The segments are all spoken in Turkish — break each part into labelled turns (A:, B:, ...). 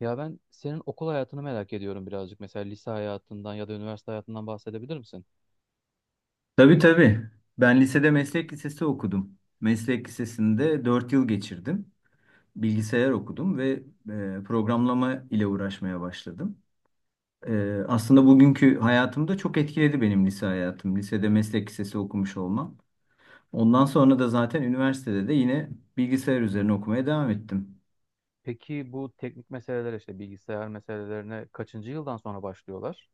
A: Ya ben senin okul hayatını merak ediyorum birazcık. Mesela lise hayatından ya da üniversite hayatından bahsedebilir misin?
B: Tabii tabii. Ben lisede meslek lisesi okudum. Meslek lisesinde 4 yıl geçirdim. Bilgisayar okudum ve programlama ile uğraşmaya başladım. Aslında bugünkü hayatımda çok etkiledi benim lise hayatım. Lisede meslek lisesi okumuş olmam. Ondan sonra da zaten üniversitede de yine bilgisayar üzerine okumaya devam ettim.
A: Peki bu teknik meseleler işte bilgisayar meselelerine kaçıncı yıldan sonra başlıyorlar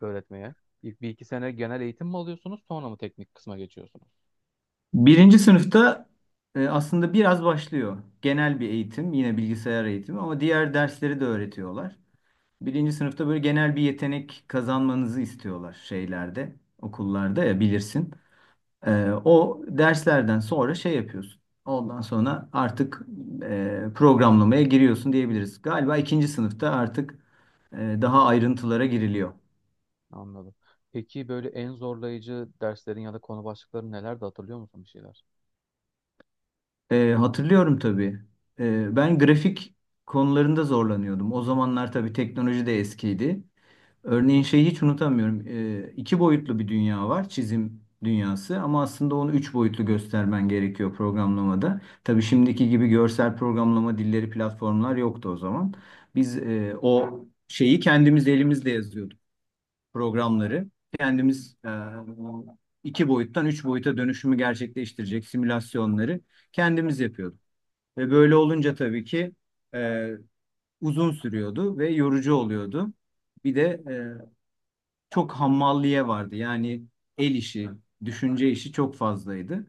A: öğretmeye? İlk bir iki sene genel eğitim mi alıyorsunuz, sonra mı teknik kısma geçiyorsunuz?
B: Birinci sınıfta aslında biraz başlıyor. Genel bir eğitim, yine bilgisayar eğitimi ama diğer dersleri de öğretiyorlar. Birinci sınıfta böyle genel bir yetenek kazanmanızı istiyorlar şeylerde, okullarda ya bilirsin. O derslerden sonra şey yapıyorsun. Ondan sonra artık programlamaya giriyorsun diyebiliriz. Galiba ikinci sınıfta artık daha ayrıntılara giriliyor.
A: Anladım. Peki böyle en zorlayıcı derslerin ya da konu başlıkları neler de hatırlıyor musun bir şeyler?
B: Hatırlıyorum tabii. Ben grafik konularında zorlanıyordum. O zamanlar tabii teknoloji de eskiydi. Örneğin şeyi hiç unutamıyorum. 2 boyutlu bir dünya var, çizim dünyası ama aslında onu 3 boyutlu göstermen gerekiyor programlamada.
A: Hı
B: Tabii
A: hı.
B: şimdiki gibi görsel programlama dilleri, platformlar yoktu o zaman. Biz o şeyi kendimiz elimizle yazıyorduk, programları. Kendimiz 2 boyuttan 3 boyuta dönüşümü gerçekleştirecek simülasyonları kendimiz yapıyorduk. Ve böyle olunca tabii ki e, uzun sürüyordu ve yorucu oluyordu. Bir de e, çok hammalliye vardı. Yani el işi, düşünce işi çok fazlaydı.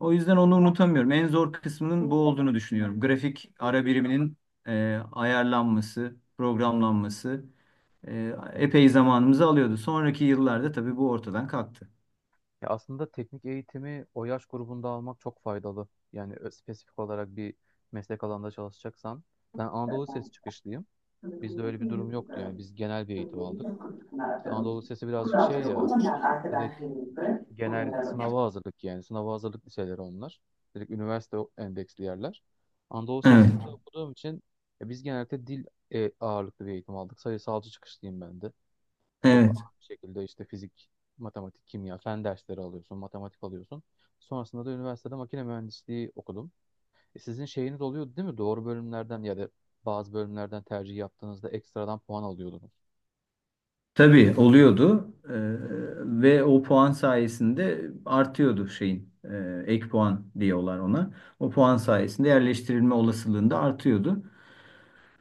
B: O yüzden onu unutamıyorum. En zor kısmının bu olduğunu düşünüyorum. Grafik ara biriminin ayarlanması, programlanması epey zamanımızı alıyordu. Sonraki yıllarda tabii bu ortadan kalktı.
A: Ya aslında teknik eğitimi o yaş grubunda almak çok faydalı. Yani spesifik olarak bir meslek alanında çalışacaksan. Ben Anadolu Lisesi çıkışlıyım. Bizde öyle bir durum yoktu yani. Biz genel bir eğitim aldık. İşte Anadolu Lisesi birazcık şey ya, direkt genel sınava hazırlık yani. Sınava hazırlık liseleri onlar. Direkt üniversite endeksli yerler. Anadolu
B: Evet,
A: Lisesi'nde okuduğum için biz genelde dil ağırlıklı bir eğitim aldık. Sayısalcı çıkışlıyım ben de. Çok
B: evet.
A: ağır bir şekilde işte fizik, matematik, kimya, fen dersleri alıyorsun, matematik alıyorsun. Sonrasında da üniversitede makine mühendisliği okudum. Sizin şeyiniz oluyordu değil mi? Doğru bölümlerden ya da bazı bölümlerden tercih yaptığınızda ekstradan puan alıyordunuz.
B: Tabii oluyordu. Ve o puan sayesinde artıyordu şeyin ek puan diyorlar ona. O puan sayesinde yerleştirilme olasılığında artıyordu.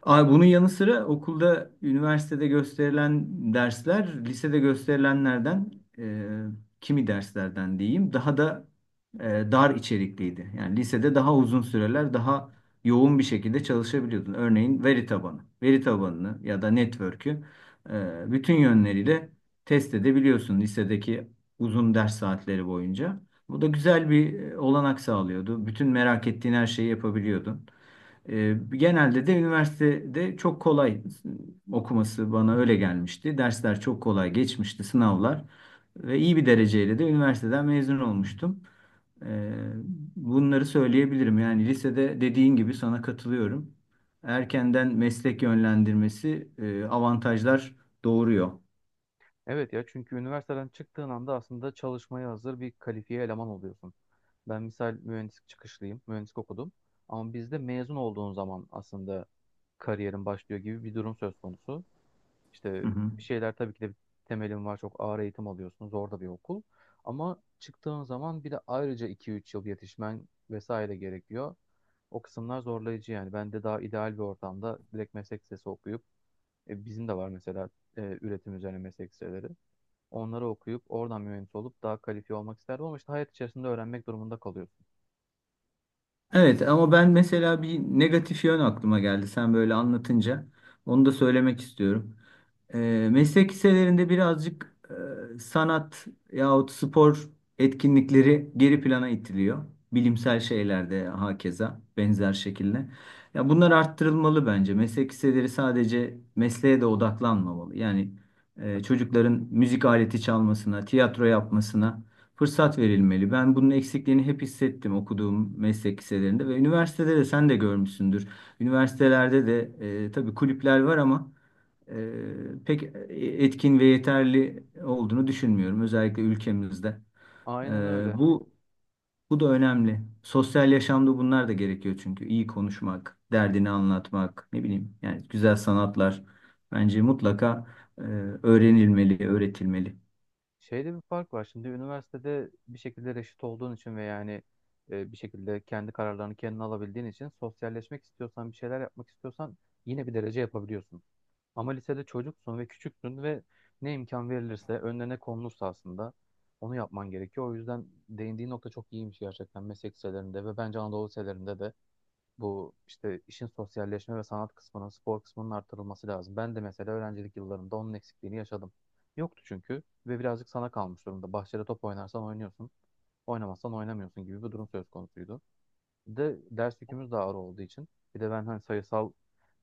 B: Abi bunun yanı sıra okulda, üniversitede gösterilen dersler, lisede gösterilenlerden, e, kimi derslerden diyeyim, daha da e, dar içerikliydi. Yani lisede daha uzun süreler, daha yoğun bir şekilde çalışabiliyordun. Örneğin veri tabanı, veri tabanını ya da network'ü bütün yönleriyle test edebiliyorsun lisedeki uzun ders saatleri boyunca. Bu da güzel bir olanak sağlıyordu. Bütün merak ettiğin her şeyi yapabiliyordun. Genelde de üniversitede çok kolay okuması bana öyle gelmişti. Dersler çok kolay geçmişti, sınavlar. Ve iyi bir dereceyle de üniversiteden mezun olmuştum. E, bunları söyleyebilirim. Yani lisede dediğin gibi sana katılıyorum. Erkenden meslek yönlendirmesi avantajlar doğuruyor.
A: Evet ya, çünkü üniversiteden çıktığın anda aslında çalışmaya hazır bir kalifiye eleman oluyorsun. Ben misal mühendislik çıkışlıyım, mühendislik okudum. Ama bizde mezun olduğun zaman aslında kariyerin başlıyor gibi bir durum söz konusu.
B: Hı
A: İşte
B: hı.
A: bir şeyler tabii ki de bir temelin var, çok ağır eğitim alıyorsun, zor da bir okul. Ama çıktığın zaman bir de ayrıca iki üç yıl yetişmen vesaire gerekiyor. O kısımlar zorlayıcı yani. Ben de daha ideal bir ortamda direkt meslek lisesi okuyup, bizim de var mesela üretim üzerine meslek liseleri. Onları okuyup oradan mühendis olup daha kalifiye olmak isterdim, ama işte hayat içerisinde öğrenmek durumunda kalıyorsun
B: Evet ama ben mesela bir negatif yön aklıma geldi sen böyle anlatınca. Onu da söylemek istiyorum. Meslek liselerinde birazcık sanat yahut spor etkinlikleri geri plana itiliyor. Bilimsel şeylerde hakeza benzer şekilde. Ya bunlar arttırılmalı bence. Meslek liseleri sadece mesleğe de odaklanmamalı. Yani
A: tabii.
B: çocukların müzik aleti çalmasına, tiyatro yapmasına fırsat verilmeli. Ben bunun eksikliğini hep hissettim okuduğum meslek liselerinde ve üniversitede de sen de görmüşsündür. Üniversitelerde de tabii kulüpler var ama e, pek e, etkin ve yeterli olduğunu düşünmüyorum. Özellikle ülkemizde. E,
A: Aynen öyle.
B: bu bu da önemli. Sosyal yaşamda bunlar da gerekiyor çünkü iyi konuşmak, derdini anlatmak, ne bileyim yani güzel sanatlar bence mutlaka e, öğrenilmeli, öğretilmeli.
A: Şeyde bir fark var. Şimdi üniversitede bir şekilde reşit olduğun için ve yani bir şekilde kendi kararlarını kendin alabildiğin için sosyalleşmek istiyorsan, bir şeyler yapmak istiyorsan yine bir derece yapabiliyorsun. Ama lisede çocuksun ve küçüksün ve ne imkan verilirse, önüne ne konulursa aslında onu yapman gerekiyor. O yüzden değindiğin nokta çok iyiymiş gerçekten. Meslek liselerinde ve bence Anadolu liselerinde de bu işte işin sosyalleşme ve sanat kısmının, spor kısmının artırılması lazım. Ben de mesela öğrencilik yıllarımda onun eksikliğini yaşadım. Yoktu çünkü ve birazcık sana kalmış durumda. Bahçede top oynarsan oynuyorsun, oynamazsan oynamıyorsun gibi bir durum söz konusuydu. Bir de ders yükümüz de ağır olduğu için. Bir de ben hani sayısal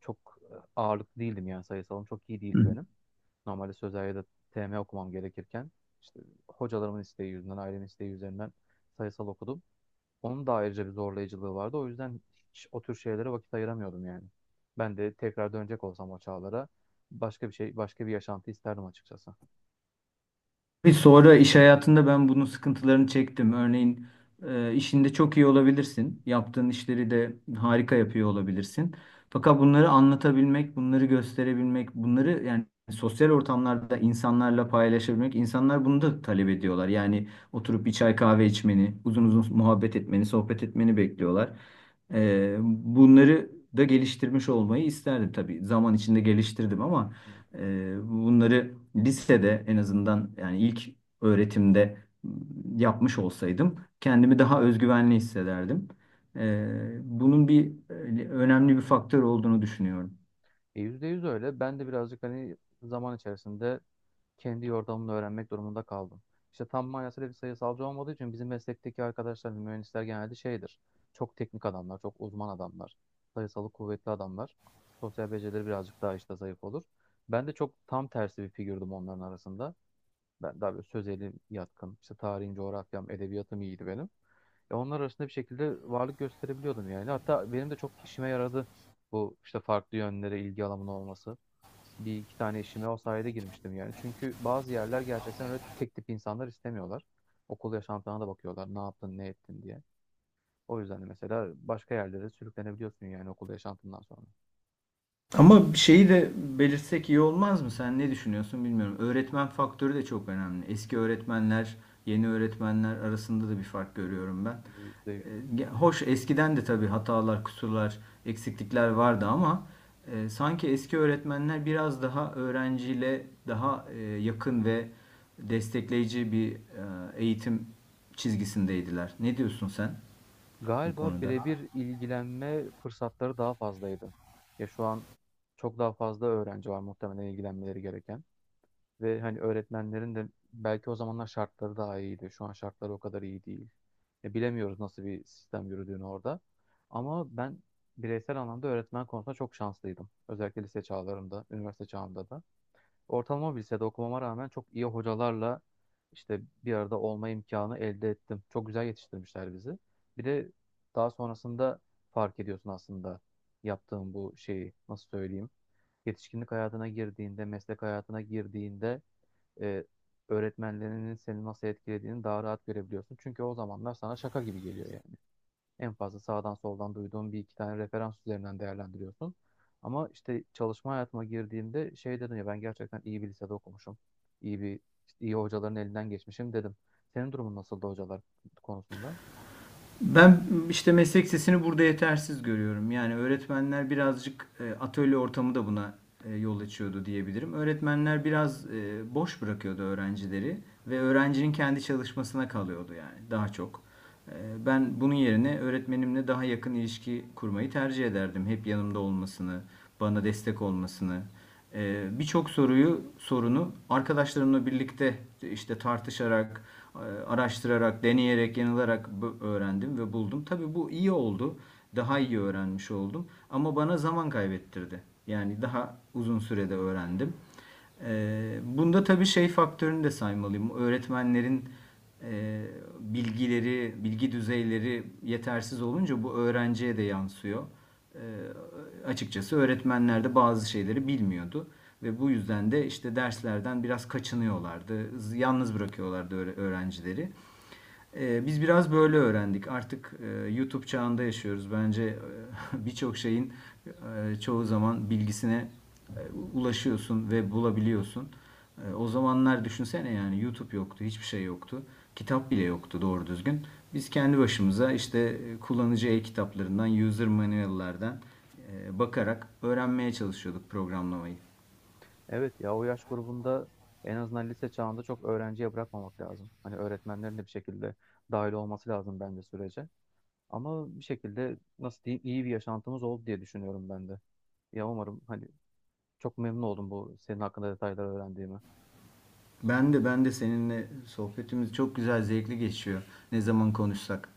A: çok ağırlıklı değildim, yani sayısalım çok iyi
B: Hı.
A: değildi benim. Normalde sözel ya da TM okumam gerekirken işte hocalarımın isteği yüzünden, ailemin isteği üzerinden sayısal okudum. Onun da ayrıca bir zorlayıcılığı vardı. O yüzden hiç o tür şeylere vakit ayıramıyordum yani. Ben de tekrar dönecek olsam o çağlara, başka bir şey, başka bir yaşantı isterdim açıkçası.
B: Ve sonra iş hayatında ben bunun sıkıntılarını çektim. Örneğin işinde çok iyi olabilirsin. Yaptığın işleri de harika yapıyor olabilirsin. Fakat bunları anlatabilmek, bunları gösterebilmek, bunları yani sosyal ortamlarda insanlarla paylaşabilmek, insanlar bunu da talep ediyorlar. Yani oturup bir çay kahve içmeni, uzun uzun muhabbet etmeni, sohbet etmeni bekliyorlar. Bunları da geliştirmiş olmayı isterdim tabii. Zaman içinde geliştirdim ama
A: Evet.
B: bunları lisede en azından yani ilk öğretimde ıı, yapmış olsaydım kendimi daha özgüvenli hissederdim. Bunun bir önemli bir faktör olduğunu düşünüyorum.
A: Yüzde yüz öyle. Ben de birazcık hani zaman içerisinde kendi yordamını öğrenmek durumunda kaldım. İşte tam manasıyla bir sayısalcı olmadığı için bizim meslekteki arkadaşlar, hani, mühendisler genelde şeydir. Çok teknik adamlar, çok uzman adamlar, sayısalı kuvvetli adamlar. Sosyal becerileri birazcık daha işte zayıf olur. Ben de çok tam tersi bir figürdüm onların arasında. Ben daha böyle sözelim yatkın. İşte tarihim, coğrafyam, edebiyatım iyiydi benim. E onlar arasında bir şekilde varlık gösterebiliyordum yani. Hatta benim de çok işime yaradı bu işte farklı yönlere ilgi alanımın olması. Bir iki tane işime o sayede girmiştim yani. Çünkü bazı yerler gerçekten öyle tek tip insanlar istemiyorlar. Okul yaşantına da bakıyorlar. Ne yaptın, ne ettin diye. O yüzden de mesela başka yerlere sürüklenebiliyorsun yani okul yaşantından sonra.
B: Ama bir şeyi de belirtsek iyi olmaz mı? Sen ne düşünüyorsun bilmiyorum. Öğretmen faktörü de çok önemli. Eski öğretmenler, yeni öğretmenler arasında da bir fark görüyorum ben.
A: Yüzde yüz.
B: E, Hoş eskiden de tabii hatalar, kusurlar, eksiklikler vardı ama sanki eski öğretmenler biraz daha öğrenciyle daha yakın ve destekleyici bir eğitim çizgisindeydiler. Ne diyorsun sen bu
A: Galiba
B: konuda?
A: birebir ilgilenme fırsatları daha fazlaydı. Ya şu an çok daha fazla öğrenci var muhtemelen ilgilenmeleri gereken. Ve hani öğretmenlerin de belki o zamanlar şartları daha iyiydi. Şu an şartları o kadar iyi değil. Ya bilemiyoruz nasıl bir sistem yürüdüğünü orada. Ama ben bireysel anlamda öğretmen konusunda çok şanslıydım. Özellikle lise çağlarımda, üniversite çağımda da. Ortalama bir lisede okumama rağmen çok iyi hocalarla işte bir arada olma imkanı elde ettim. Çok güzel yetiştirmişler bizi. Bir de daha sonrasında fark ediyorsun aslında yaptığın bu şeyi nasıl söyleyeyim. Yetişkinlik hayatına girdiğinde, meslek hayatına girdiğinde e, öğretmenlerinin seni nasıl etkilediğini daha rahat görebiliyorsun. Çünkü o zamanlar sana şaka gibi geliyor yani. En fazla sağdan soldan duyduğum bir iki tane referans üzerinden değerlendiriyorsun. Ama işte çalışma hayatıma girdiğimde şey dedim ya, ben gerçekten iyi bir lisede okumuşum. İyi bir işte iyi hocaların elinden geçmişim dedim. Senin durumun nasıldı hocalar konusunda?
B: Ben işte meslek sesini burada yetersiz görüyorum. Yani öğretmenler birazcık atölye ortamı da buna yol açıyordu diyebilirim. Öğretmenler biraz boş bırakıyordu öğrencileri ve öğrencinin kendi çalışmasına kalıyordu yani daha çok. E, Ben bunun yerine öğretmenimle daha yakın ilişki kurmayı tercih ederdim. Hep yanımda olmasını, bana destek olmasını. Birçok soruyu sorunu arkadaşlarımla birlikte işte tartışarak, araştırarak, deneyerek, yanılarak öğrendim ve buldum. Tabii bu iyi oldu. Daha iyi öğrenmiş oldum. Ama bana zaman kaybettirdi. Yani daha uzun sürede öğrendim. Bunda tabii şey faktörünü de saymalıyım. Öğretmenlerin e, bilgileri, bilgi düzeyleri yetersiz olunca bu öğrenciye de yansıyor. Ee, açıkçası öğretmenler de bazı şeyleri bilmiyordu ve bu yüzden de işte derslerden biraz kaçınıyorlardı. Yalnız bırakıyorlardı öğrencileri. Biz biraz böyle öğrendik. Artık YouTube çağında yaşıyoruz. Bence birçok şeyin çoğu zaman bilgisine e, ulaşıyorsun ve bulabiliyorsun. O zamanlar düşünsene yani YouTube yoktu, hiçbir şey yoktu. Kitap bile yoktu doğru düzgün. Biz kendi başımıza işte kullanıcı e-kitaplarından, user manual'lardan bakarak öğrenmeye çalışıyorduk programlamayı.
A: Evet ya, o yaş grubunda en azından lise çağında çok öğrenciye bırakmamak lazım. Hani öğretmenlerin de bir şekilde dahil olması lazım bence sürece. Ama bir şekilde nasıl diyeyim iyi bir yaşantımız oldu diye düşünüyorum ben de. Ya umarım hani çok memnun oldum bu senin hakkında detayları öğrendiğime.
B: Ben de seninle sohbetimiz çok güzel, zevkli geçiyor. Ne zaman konuşsak.